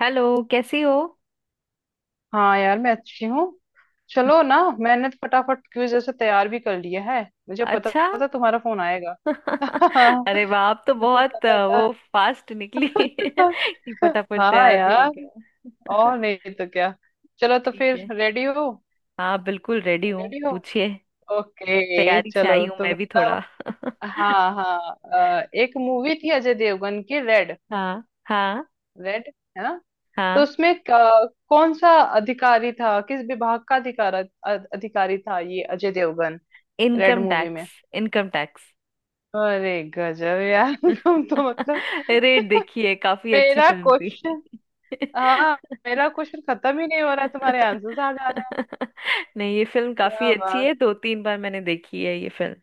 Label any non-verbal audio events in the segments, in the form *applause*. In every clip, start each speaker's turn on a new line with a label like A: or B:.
A: Hello. कैसी हो?
B: हाँ यार मैं अच्छी हूँ। चलो ना, मैंने तो फटाफट क्विज जैसे तैयार भी कर लिया है। मुझे पता
A: अच्छा।
B: था तुम्हारा फोन आएगा।
A: *laughs*
B: *laughs*
A: अरे वाह, आप तो
B: मुझे
A: बहुत
B: पता
A: वो फास्ट निकली। *laughs*
B: था।
A: कि
B: *laughs*
A: फटाफट
B: हाँ
A: तैयार भी हो
B: यार,
A: गया।
B: और
A: *laughs*
B: नहीं तो क्या। चलो, तो
A: ठीक
B: फिर
A: है।
B: रेडी हो?
A: हाँ बिल्कुल रेडी हूँ,
B: रेडी हो?
A: पूछिए।
B: ओके,
A: तैयारी से
B: चलो
A: आई हूँ
B: तुम।
A: मैं भी थोड़ा। *laughs*
B: हाँ हाँ। एक मूवी थी अजय देवगन की, रेड।
A: हाँ हाँ।
B: रेड, है ना? तो
A: हाँ
B: उसमें कौन सा अधिकारी था, किस विभाग का अधिकारी था ये Ajay Devgn, Raid
A: income
B: movie
A: tax.
B: में?
A: Income tax.
B: अरे गजब यार। *laughs* तुम तो मतलब
A: *laughs* रेट देखिए, काफी अच्छी
B: मेरा
A: फिल्म थी।
B: क्वेश्चन, हाँ,
A: *laughs*
B: मेरा क्वेश्चन खत्म ही नहीं हो रहा है, तुम्हारे आंसर्स आ जा रहे हैं।
A: नहीं, ये फिल्म काफी
B: क्या
A: अच्छी है।
B: बात।
A: दो तीन बार मैंने देखी है ये फिल्म।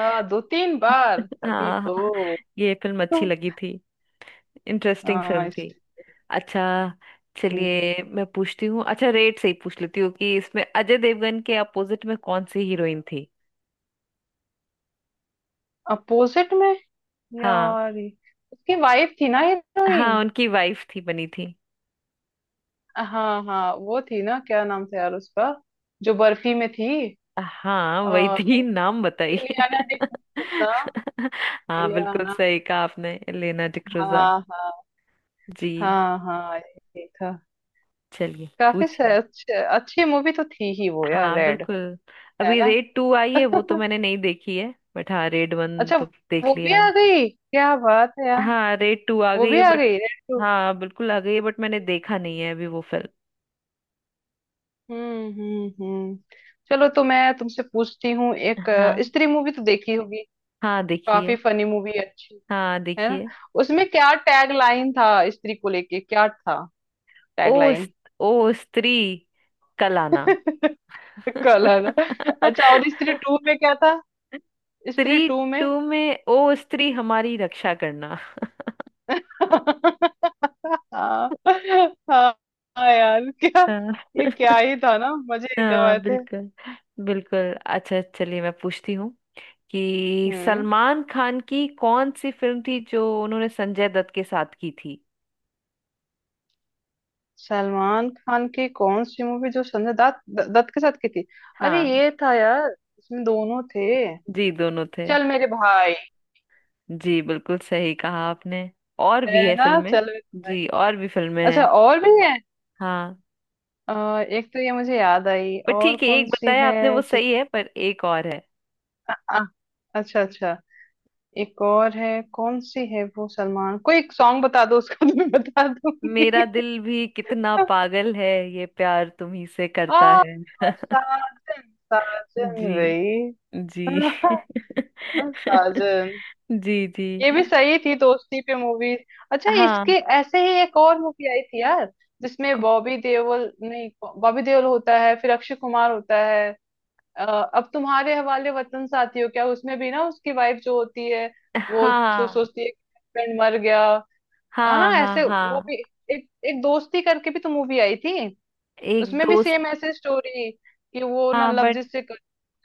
B: हाँ, दो तीन बार तभी
A: हाँ
B: तो।
A: ये फिल्म अच्छी लगी थी। इंटरेस्टिंग
B: हाँ
A: फिल्म
B: इस,
A: थी। अच्छा। चलिए मैं पूछती हूँ। अच्छा, रेट से ही पूछ लेती हूँ कि इसमें अजय देवगन के अपोजिट में कौन सी हीरोइन थी?
B: अपोजिट में?
A: हाँ
B: यार ये- उसकी वाइफ थी ना
A: हाँ,
B: हीरोइन।
A: उनकी वाइफ थी, बनी थी।
B: हाँ हाँ, वो थी ना, क्या नाम था यार उसका, जो बर्फी में थी?
A: हाँ
B: आ,
A: वही थी, नाम बताइए।
B: इलियाना
A: *laughs*
B: डिसूजा।
A: हाँ बिल्कुल
B: इलियाना,
A: सही कहा आपने, एलेना डिक्रूजा।
B: हाँ हाँ।
A: जी,
B: हाँ हाँ, ये था।
A: चलिए
B: काफी
A: पूछिए।
B: अच्छी मूवी तो थी ही वो यार,
A: हाँ
B: रेड।
A: बिल्कुल।
B: है
A: अभी
B: ना?
A: रेड टू आई है, वो तो मैंने नहीं देखी है, बट हाँ रेड वन
B: अच्छा,
A: तो देख
B: वो भी
A: लिया
B: आ
A: है।
B: गई, क्या बात है यार।
A: हाँ रेड टू आ
B: वो
A: गई
B: भी
A: है
B: आ
A: बट।
B: गई, रेड टू।
A: हाँ बिल्कुल आ गई है, बट मैंने देखा नहीं है अभी वो फिल्म।
B: हम्म, हम्म, हम्म। चलो, तो मैं तुमसे पूछती हूँ, एक
A: हाँ
B: स्त्री मूवी तो देखी होगी।
A: हाँ
B: काफी
A: देखिए।
B: फनी मूवी, अच्छी।
A: हाँ
B: है ना?
A: देखिए।
B: उसमें क्या टैग लाइन था, स्त्री को लेके क्या था,
A: ओ
B: टैग
A: स-
B: लाइन?
A: ओ स्त्री कल आना।
B: *laughs* कल, है ना?
A: *laughs*
B: अच्छा, और स्त्री टू में क्या था? स्त्री
A: स्त्री
B: टू में?
A: टू में ओ स्त्री हमारी रक्षा करना।
B: *laughs* हाँ। *laughs* हाँ, हाँ यार क्या,
A: हाँ
B: ये
A: *laughs*
B: क्या ही था ना, मजे एकदम
A: हाँ,
B: आए थे।
A: बिल्कुल बिल्कुल। अच्छा, चलिए मैं पूछती हूँ कि
B: हम्म।
A: सलमान खान की कौन सी फिल्म थी जो उन्होंने संजय दत्त के साथ की थी?
B: सलमान खान की कौन सी मूवी, जो संजय दत्त के साथ की थी? अरे
A: हाँ,
B: ये था यार, इसमें दोनों थे।
A: जी दोनों थे।
B: चल मेरे भाई,
A: जी बिल्कुल सही कहा आपने। और
B: है
A: भी है
B: ना।
A: फिल्में।
B: चल मेरे-
A: जी और भी फिल्में
B: अच्छा,
A: हैं।
B: और भी है?
A: हाँ
B: अ, एक तो ये मुझे याद आई,
A: पर
B: और
A: ठीक है,
B: कौन
A: एक
B: सी
A: बताया
B: है
A: आपने वो
B: जिस,
A: सही है, पर एक और है।
B: आ, अच्छा अच्छा, एक और है? कौन सी है वो? सलमान कोई एक सॉन्ग बता दो, उसका तो मैं बता दूंगी।
A: मेरा दिल भी कितना पागल है, ये प्यार तुम ही से करता
B: Aa,
A: है। *laughs*
B: साजन, साजन
A: जी
B: वही। *laughs*
A: जी।
B: है ना,
A: *laughs*
B: साजन।
A: जी जी।
B: ये भी सही थी, दोस्ती पे मूवी। अच्छा, इसके
A: हाँ
B: ऐसे ही एक और मूवी आई थी यार, जिसमें
A: को-
B: बॉबी देओल नहीं, बॉबी देओल होता है, फिर अक्षय कुमार होता है, अ, अब तुम्हारे हवाले वतन साथी हो क्या? उसमें भी ना, उसकी वाइफ जो होती है, वो जो
A: हाँ
B: सोचती है हस्बैंड मर गया, है ना,
A: हाँ हाँ।
B: ऐसे वो
A: हाँ
B: भी एक एक दोस्ती करके भी तो मूवी आई थी।
A: एक
B: उसमें भी
A: दोस्त।
B: सेम ऐसे स्टोरी, कि वो ना
A: हाँ
B: लव
A: बट।
B: जिससे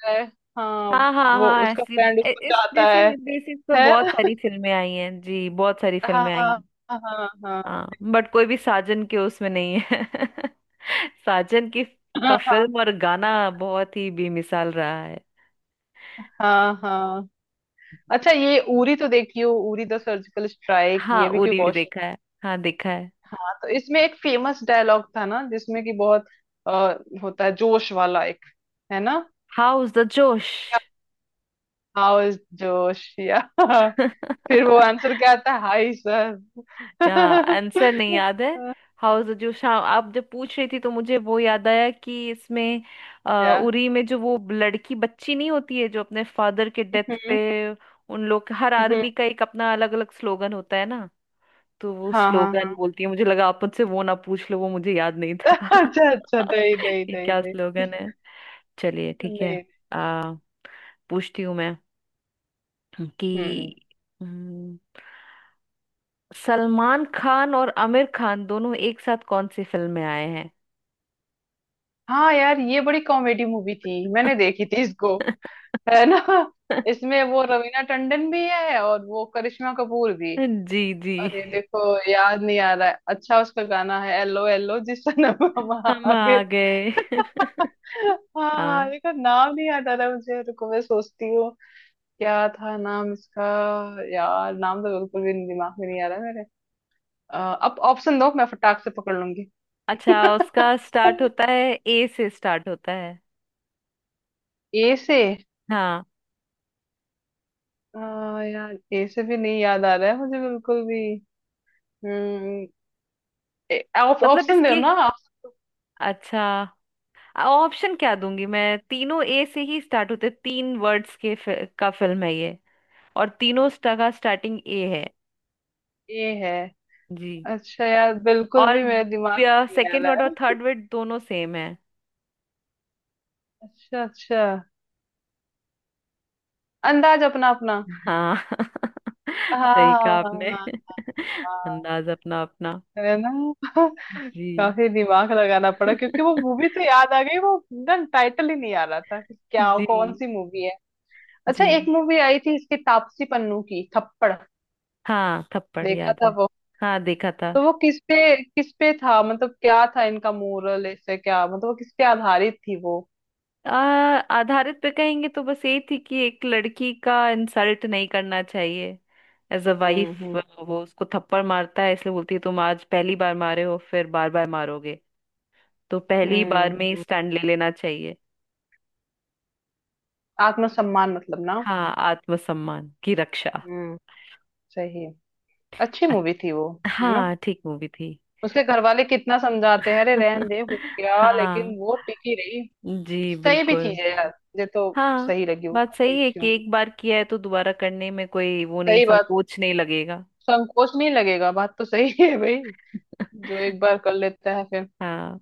B: है। हाँ।
A: हाँ हाँ
B: वो
A: हाँ,
B: उसका
A: ऐसी
B: फ्रेंड उसको
A: इस
B: चाहता है
A: बेसिस बेसिस पे
B: है
A: बहुत
B: ना?
A: सारी फिल्में आई हैं जी, बहुत सारी फिल्में
B: हाँ
A: आई हैं।
B: हाँ। हाँ
A: हाँ बट कोई भी साजन के उसमें नहीं है। *laughs* साजन की का
B: हाँ।
A: फिल्म और गाना बहुत ही बेमिसाल रहा है।
B: हाँ हाँ हाँ। अच्छा, ये उरी तो देखी हो, उरी द सर्जिकल स्ट्राइक?
A: हाँ
B: ये भी कोई
A: उरी भी
B: क्वेश्चन
A: देखा है। हाँ देखा है।
B: था। तो इसमें एक फेमस डायलॉग था ना, जिसमें कि बहुत अ, होता है, जोश वाला एक। है ना?
A: How's the josh.
B: How is josh, या। *laughs* फिर वो
A: *laughs*
B: आंसर क्या आता है, हाई सर?
A: यहाँ
B: क्या?
A: आंसर नहीं याद है। हाउस द जोश, हाँ। आप जब पूछ रही थी तो मुझे वो याद आया कि इसमें
B: *laughs*
A: उरी में जो वो लड़की बच्ची नहीं होती है जो अपने फादर के डेथ
B: हम्म।
A: पे, उन लोग हर
B: हम्म।
A: आर्मी का एक अपना अलग अलग स्लोगन होता है ना, तो वो
B: हाँ हाँ
A: स्लोगन
B: हाँ।
A: बोलती है। मुझे लगा आप मुझसे वो ना पूछ लो, वो मुझे याद नहीं था
B: *laughs* अच्छा अच्छा,
A: *laughs*
B: नहीं नहीं
A: कि
B: नहीं
A: क्या
B: नहीं।
A: स्लोगन है। चलिए ठीक है।
B: नहीं,
A: आ, पूछती हूँ मैं कि
B: हम्म।
A: हम्म, सलमान खान और आमिर खान दोनों एक साथ कौन सी फिल्म में आए हैं?
B: हाँ यार, ये बड़ी कॉमेडी मूवी थी, मैंने देखी थी इसको, है ना? इसमें वो रवीना टंडन भी है, और वो करिश्मा कपूर भी।
A: *laughs* जी जी,
B: अरे देखो, याद नहीं आ रहा है। अच्छा, उसका गाना है, एलो एलो जिस नाम हम
A: हम
B: आगे।
A: आ गए। *laughs*
B: हाँ हाँ,
A: हाँ।
B: देखो, नाम नहीं याद आ रहा मुझे, रुको, मैं सोचती हूँ। क्या था नाम इसका? यार नाम तो बिल्कुल भी दिमाग में नहीं आ रहा है मेरे। अ, अब ऑप्शन दो, मैं फटाक से पकड़ लूंगी।
A: अच्छा, उसका स्टार्ट होता है, ए से स्टार्ट होता है।
B: ए से?
A: हाँ,
B: यार ए से भी नहीं याद आ रहा है मुझे, बिल्कुल भी। हम्म।
A: मतलब
B: ऑप्शन दो
A: इसकी।
B: ना, ऑप्शन।
A: अच्छा, ऑप्शन क्या दूंगी मैं? तीनों ए से ही स्टार्ट होते, तीन वर्ड्स के का फिल्म है ये। और तीनों का स्टार्टिंग ए है।
B: ये है?
A: जी।
B: अच्छा यार, बिल्कुल
A: और
B: भी मेरे दिमाग में नहीं आ
A: सेकंड
B: रहा
A: वर्ड और
B: है।
A: थर्ड वर्ड दोनों सेम है।
B: अच्छा अच्छा, अंदाज अपना अपना।
A: हाँ। *laughs*
B: हाँ
A: सही कहा
B: हाँ हाँ
A: आपने।
B: हाँ।
A: *laughs*
B: हाँ,
A: अंदाज अपना अपना।
B: हाँ, है ना। *laughs*
A: जी।
B: काफी दिमाग लगाना पड़ा, क्योंकि वो मूवी
A: *laughs*
B: तो याद आ गई, वो ना टाइटल ही नहीं आ रहा था कि क्या, कौन
A: जी
B: सी मूवी है। अच्छा,
A: जी।
B: एक मूवी आई थी इसकी तापसी पन्नू की, थप्पड़।
A: हाँ थप्पड़
B: देखा
A: याद
B: था
A: है।
B: वो।
A: हाँ देखा था।
B: तो वो किस पे, किस पे था, मतलब क्या था इनका मोरल, ऐसे क्या मतलब, वो किस पे आधारित थी वो?
A: आ, आधारित पे कहेंगे तो बस यही थी कि एक लड़की का इंसल्ट नहीं करना चाहिए, एज अ वाइफ।
B: हम्म।
A: वो उसको थप्पड़ मारता है, इसलिए बोलती है तुम आज पहली बार मारे हो फिर बार बार मारोगे, तो पहली बार में ही
B: हम्म।
A: स्टैंड ले लेना चाहिए।
B: आत्मसम्मान मतलब ना।
A: हाँ आत्मसम्मान की रक्षा।
B: हम्म। सही है। अच्छी
A: अ-
B: मूवी थी वो, है ना।
A: हाँ ठीक मूवी थी।
B: उसके घर वाले कितना समझाते हैं, अरे रहन दे, हो
A: *laughs*
B: गया,
A: हाँ।
B: लेकिन वो टिकी रही।
A: जी
B: सही भी
A: बिल्कुल।
B: चीज है यार, मुझे तो
A: हाँ
B: सही लगी वो,
A: बात
B: काफी
A: सही है
B: अच्छी
A: कि
B: मूवी।
A: एक बार किया है तो दोबारा करने में कोई वो नहीं,
B: सही बात।
A: संकोच नहीं लगेगा।
B: संकोच नहीं लगेगा, बात तो सही है भाई, जो एक बार कर लेता है फिर।
A: हाँ।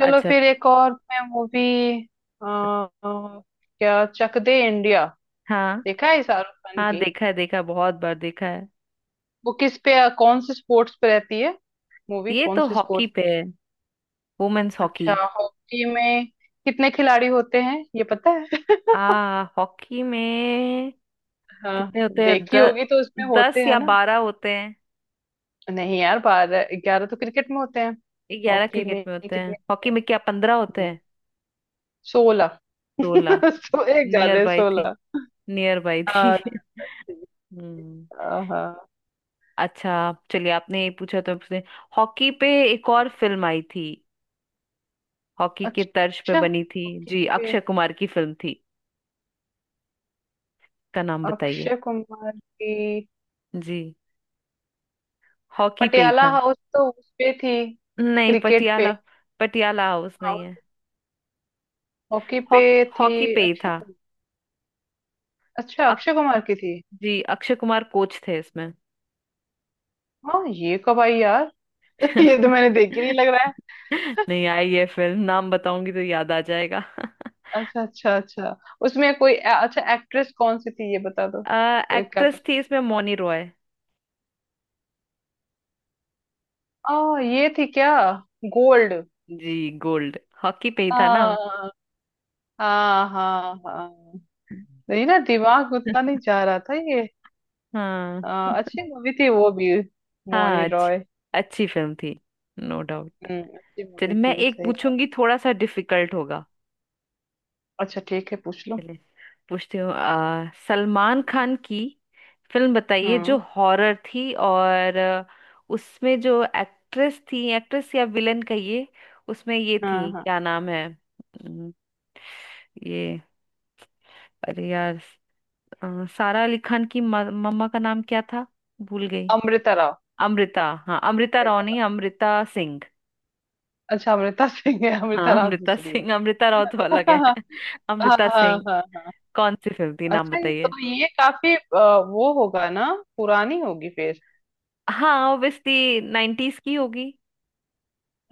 B: चलो
A: अच्छा।
B: फिर, एक और मैं मूवी, क्या चक दे इंडिया
A: हाँ
B: देखा है शाहरुख खान
A: हाँ
B: की?
A: देखा है, देखा है, बहुत बार देखा है।
B: वो किस पे, कौन से स्पोर्ट्स पे रहती है मूवी,
A: ये
B: कौन
A: तो
B: से
A: हॉकी
B: स्पोर्ट्स?
A: पे है, वुमेन्स हॉकी।
B: अच्छा, हॉकी में कितने खिलाड़ी होते हैं ये पता है?
A: आ हॉकी में कितने
B: हाँ
A: होते हैं?
B: देखी होगी तो उसमें होते
A: 10
B: हैं
A: या
B: ना।
A: 12 होते हैं।
B: नहीं यार, 12, 11 तो क्रिकेट में होते हैं,
A: 11
B: हॉकी
A: क्रिकेट
B: में
A: में होते हैं,
B: कितने होते
A: हॉकी
B: हैं?
A: में क्या 15 होते
B: हम्म,
A: हैं?
B: 16।
A: 16।
B: *laughs* सो, एक ज्यादा
A: नियर
B: है,
A: बाई थी,
B: 16।
A: नियर बाई थी।
B: हाँ,
A: *laughs*
B: ठीक है।
A: हम्म।
B: हाँ।
A: अच्छा, चलिए आपने ये पूछा तो पूछते, हॉकी पे एक और फिल्म आई थी, हॉकी के तर्ज पे
B: अच्छा,
A: बनी थी।
B: ओके।
A: जी अक्षय कुमार की फिल्म थी, का नाम बताइए।
B: अक्षय कुमार की?
A: जी हॉकी पे ही
B: पटियाला
A: था।
B: हाउस तो उस पे थी,
A: नहीं
B: क्रिकेट
A: पटियाला,
B: पे।
A: पटियाला हाउस नहीं
B: हाँ,
A: है।
B: हॉकी पे
A: हॉक
B: थी?
A: हॉकी पे ही
B: अक्षय
A: था।
B: कुमार? अच्छा,
A: अक,
B: अक्षय कुमार की थी।
A: जी अक्षय कुमार कोच थे इसमें।
B: हाँ, ये कब आई यार? *laughs* ये तो मैंने देखी नहीं
A: *laughs*
B: लग रहा है।
A: नहीं आई ये फिल्म, नाम बताऊंगी तो याद आ जाएगा।
B: अच्छा अच्छा अच्छा, उसमें कोई अच्छा एक्ट्रेस कौन सी थी, ये बता दो?
A: *laughs*
B: फिर क्या
A: एक्ट्रेस
B: पता।
A: थी इसमें मौनी रॉय।
B: ये थी क्या, गोल्ड?
A: जी, गोल्ड। हॉकी पे ही था ना?
B: हाँ, हाँ हाँ। हाँ, नहीं
A: *laughs*
B: ना, दिमाग उतना नहीं जा रहा था ये।
A: हाँ
B: अच्छी मूवी थी वो भी,
A: हाँ।
B: मौनी
A: अच्छी,
B: रॉय।
A: अच्छी फिल्म थी, नो डाउट।
B: हम्म, अच्छी
A: चलिए
B: मूवी
A: मैं
B: थी,
A: एक
B: सही बात।
A: पूछूंगी, थोड़ा सा डिफिकल्ट होगा।
B: अच्छा, ठीक है, पूछ लो।
A: चलिए पूछती हूँ। सलमान खान की फिल्म बताइए जो
B: हम्म।
A: हॉरर थी, और उसमें जो एक्ट्रेस थी, एक्ट्रेस या विलन कहिए, उसमें ये
B: हाँ
A: थी,
B: हाँ।
A: क्या नाम है? अम, ये अरे यार, सारा अली खान की मम्मा का नाम क्या था? भूल गई।
B: अमृता राव।
A: अमृता, हाँ अमृता राव नहीं, अमृता सिंह।
B: अच्छा, अमृता सिंह है, अमृता
A: हाँ
B: राव
A: अमृता
B: दूसरी है।
A: सिंह, अमृता राव तो
B: *laughs*
A: अलग है।
B: हाँ
A: *laughs* अमृता
B: हाँ
A: सिंह,
B: हाँ।
A: कौन सी फिल्म थी नाम
B: अच्छा, ये
A: बताइए।
B: तो ये काफी वो होगा ना, पुरानी होगी फिर?
A: हाँ ऑब्वियसली 90s की होगी।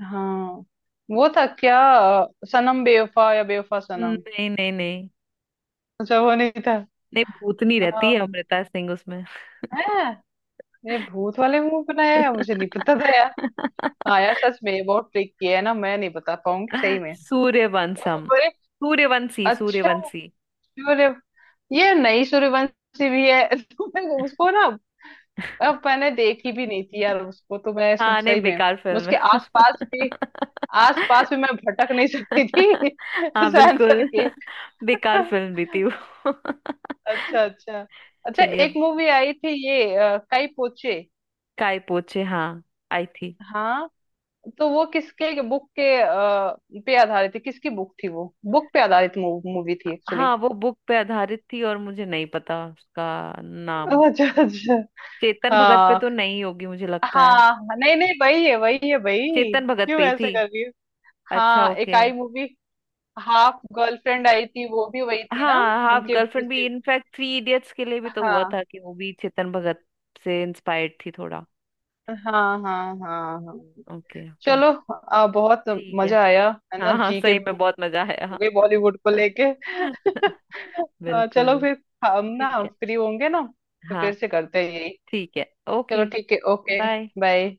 B: हाँ, वो था क्या, सनम बेवफा या बेवफा सनम?
A: नहीं नहीं नहीं।
B: अच्छा, वो नहीं था।
A: नहीं, भूतनी रहती
B: आ,
A: है अमृता सिंह उसमें।
B: है, ये भूत वाले मुंह बनाया है, मुझे नहीं पता
A: *laughs*
B: था यार। हाँ यार सच में, ये बहुत ट्रिक किया है ना, मैं नहीं बता पाऊंगी सही में।
A: सूर्यवंशम।
B: बड़े,
A: सूर्यवंशी
B: अच्छा,
A: सूर्यवंशी।
B: सूर्य, ये नई सूर्यवंशी भी है, *laughs* तो मैं उसको ना, अब मैंने देखी भी नहीं थी यार उसको, तो मैं सब
A: हाँ नहीं,
B: सही में
A: बेकार फिल्म
B: उसके
A: है।
B: आसपास भी, आस पास में
A: *laughs*
B: मैं भटक नहीं सकती थी। *laughs*
A: हाँ
B: उस आंसर
A: बिल्कुल।
B: के।
A: *laughs* बेकार फिल्म भी थी वो। *laughs*
B: अच्छा अच्छा। अच्छा,
A: चलिए अब।
B: एक मूवी आई थी, ये काई पोचे।
A: काय पोछे, हाँ, आई थी।
B: हाँ। तो वो किसके बुक के पे आधारित थी, किसकी बुक थी, वो बुक पे आधारित मूवी थी एक्चुअली।
A: हाँ वो बुक पे आधारित थी और मुझे नहीं पता उसका नाम।
B: अच्छा अच्छा।
A: चेतन भगत पे
B: हाँ
A: तो नहीं होगी मुझे लगता है।
B: हाँ, नहीं नहीं, वही है वही है भाई,
A: चेतन भगत पे
B: क्यों
A: ही थी।
B: ऐसे कर रही हो?
A: अच्छा,
B: हाँ, एक
A: ओके।
B: आई मूवी, हाफ गर्लफ्रेंड आई थी, वो भी वही थी ना?
A: हाँ, हाफ
B: उनके कुछ,
A: गर्लफ्रेंड भी, इनफैक्ट थ्री इडियट्स के लिए भी तो हुआ
B: हाँ
A: था कि वो भी चेतन भगत से इंस्पायर्ड थी थोड़ा।
B: हाँ हाँ हाँ। हाँ,
A: ओके ओके।
B: चलो। बहुत
A: ठीक है।
B: मजा आया, है ना,
A: हाँ हाँ,
B: जी के
A: सही में
B: हो
A: बहुत मजा आया,
B: गई
A: हाँ।
B: बॉलीवुड को लेके।
A: *laughs*
B: *laughs* चलो
A: बिल्कुल।
B: फिर, हम ना
A: ठीक है।
B: फ्री होंगे ना तो
A: हाँ
B: फिर से करते हैं यही।
A: ठीक है।
B: चलो
A: ओके।
B: ठीक है, ओके।
A: बाय।
B: बाय।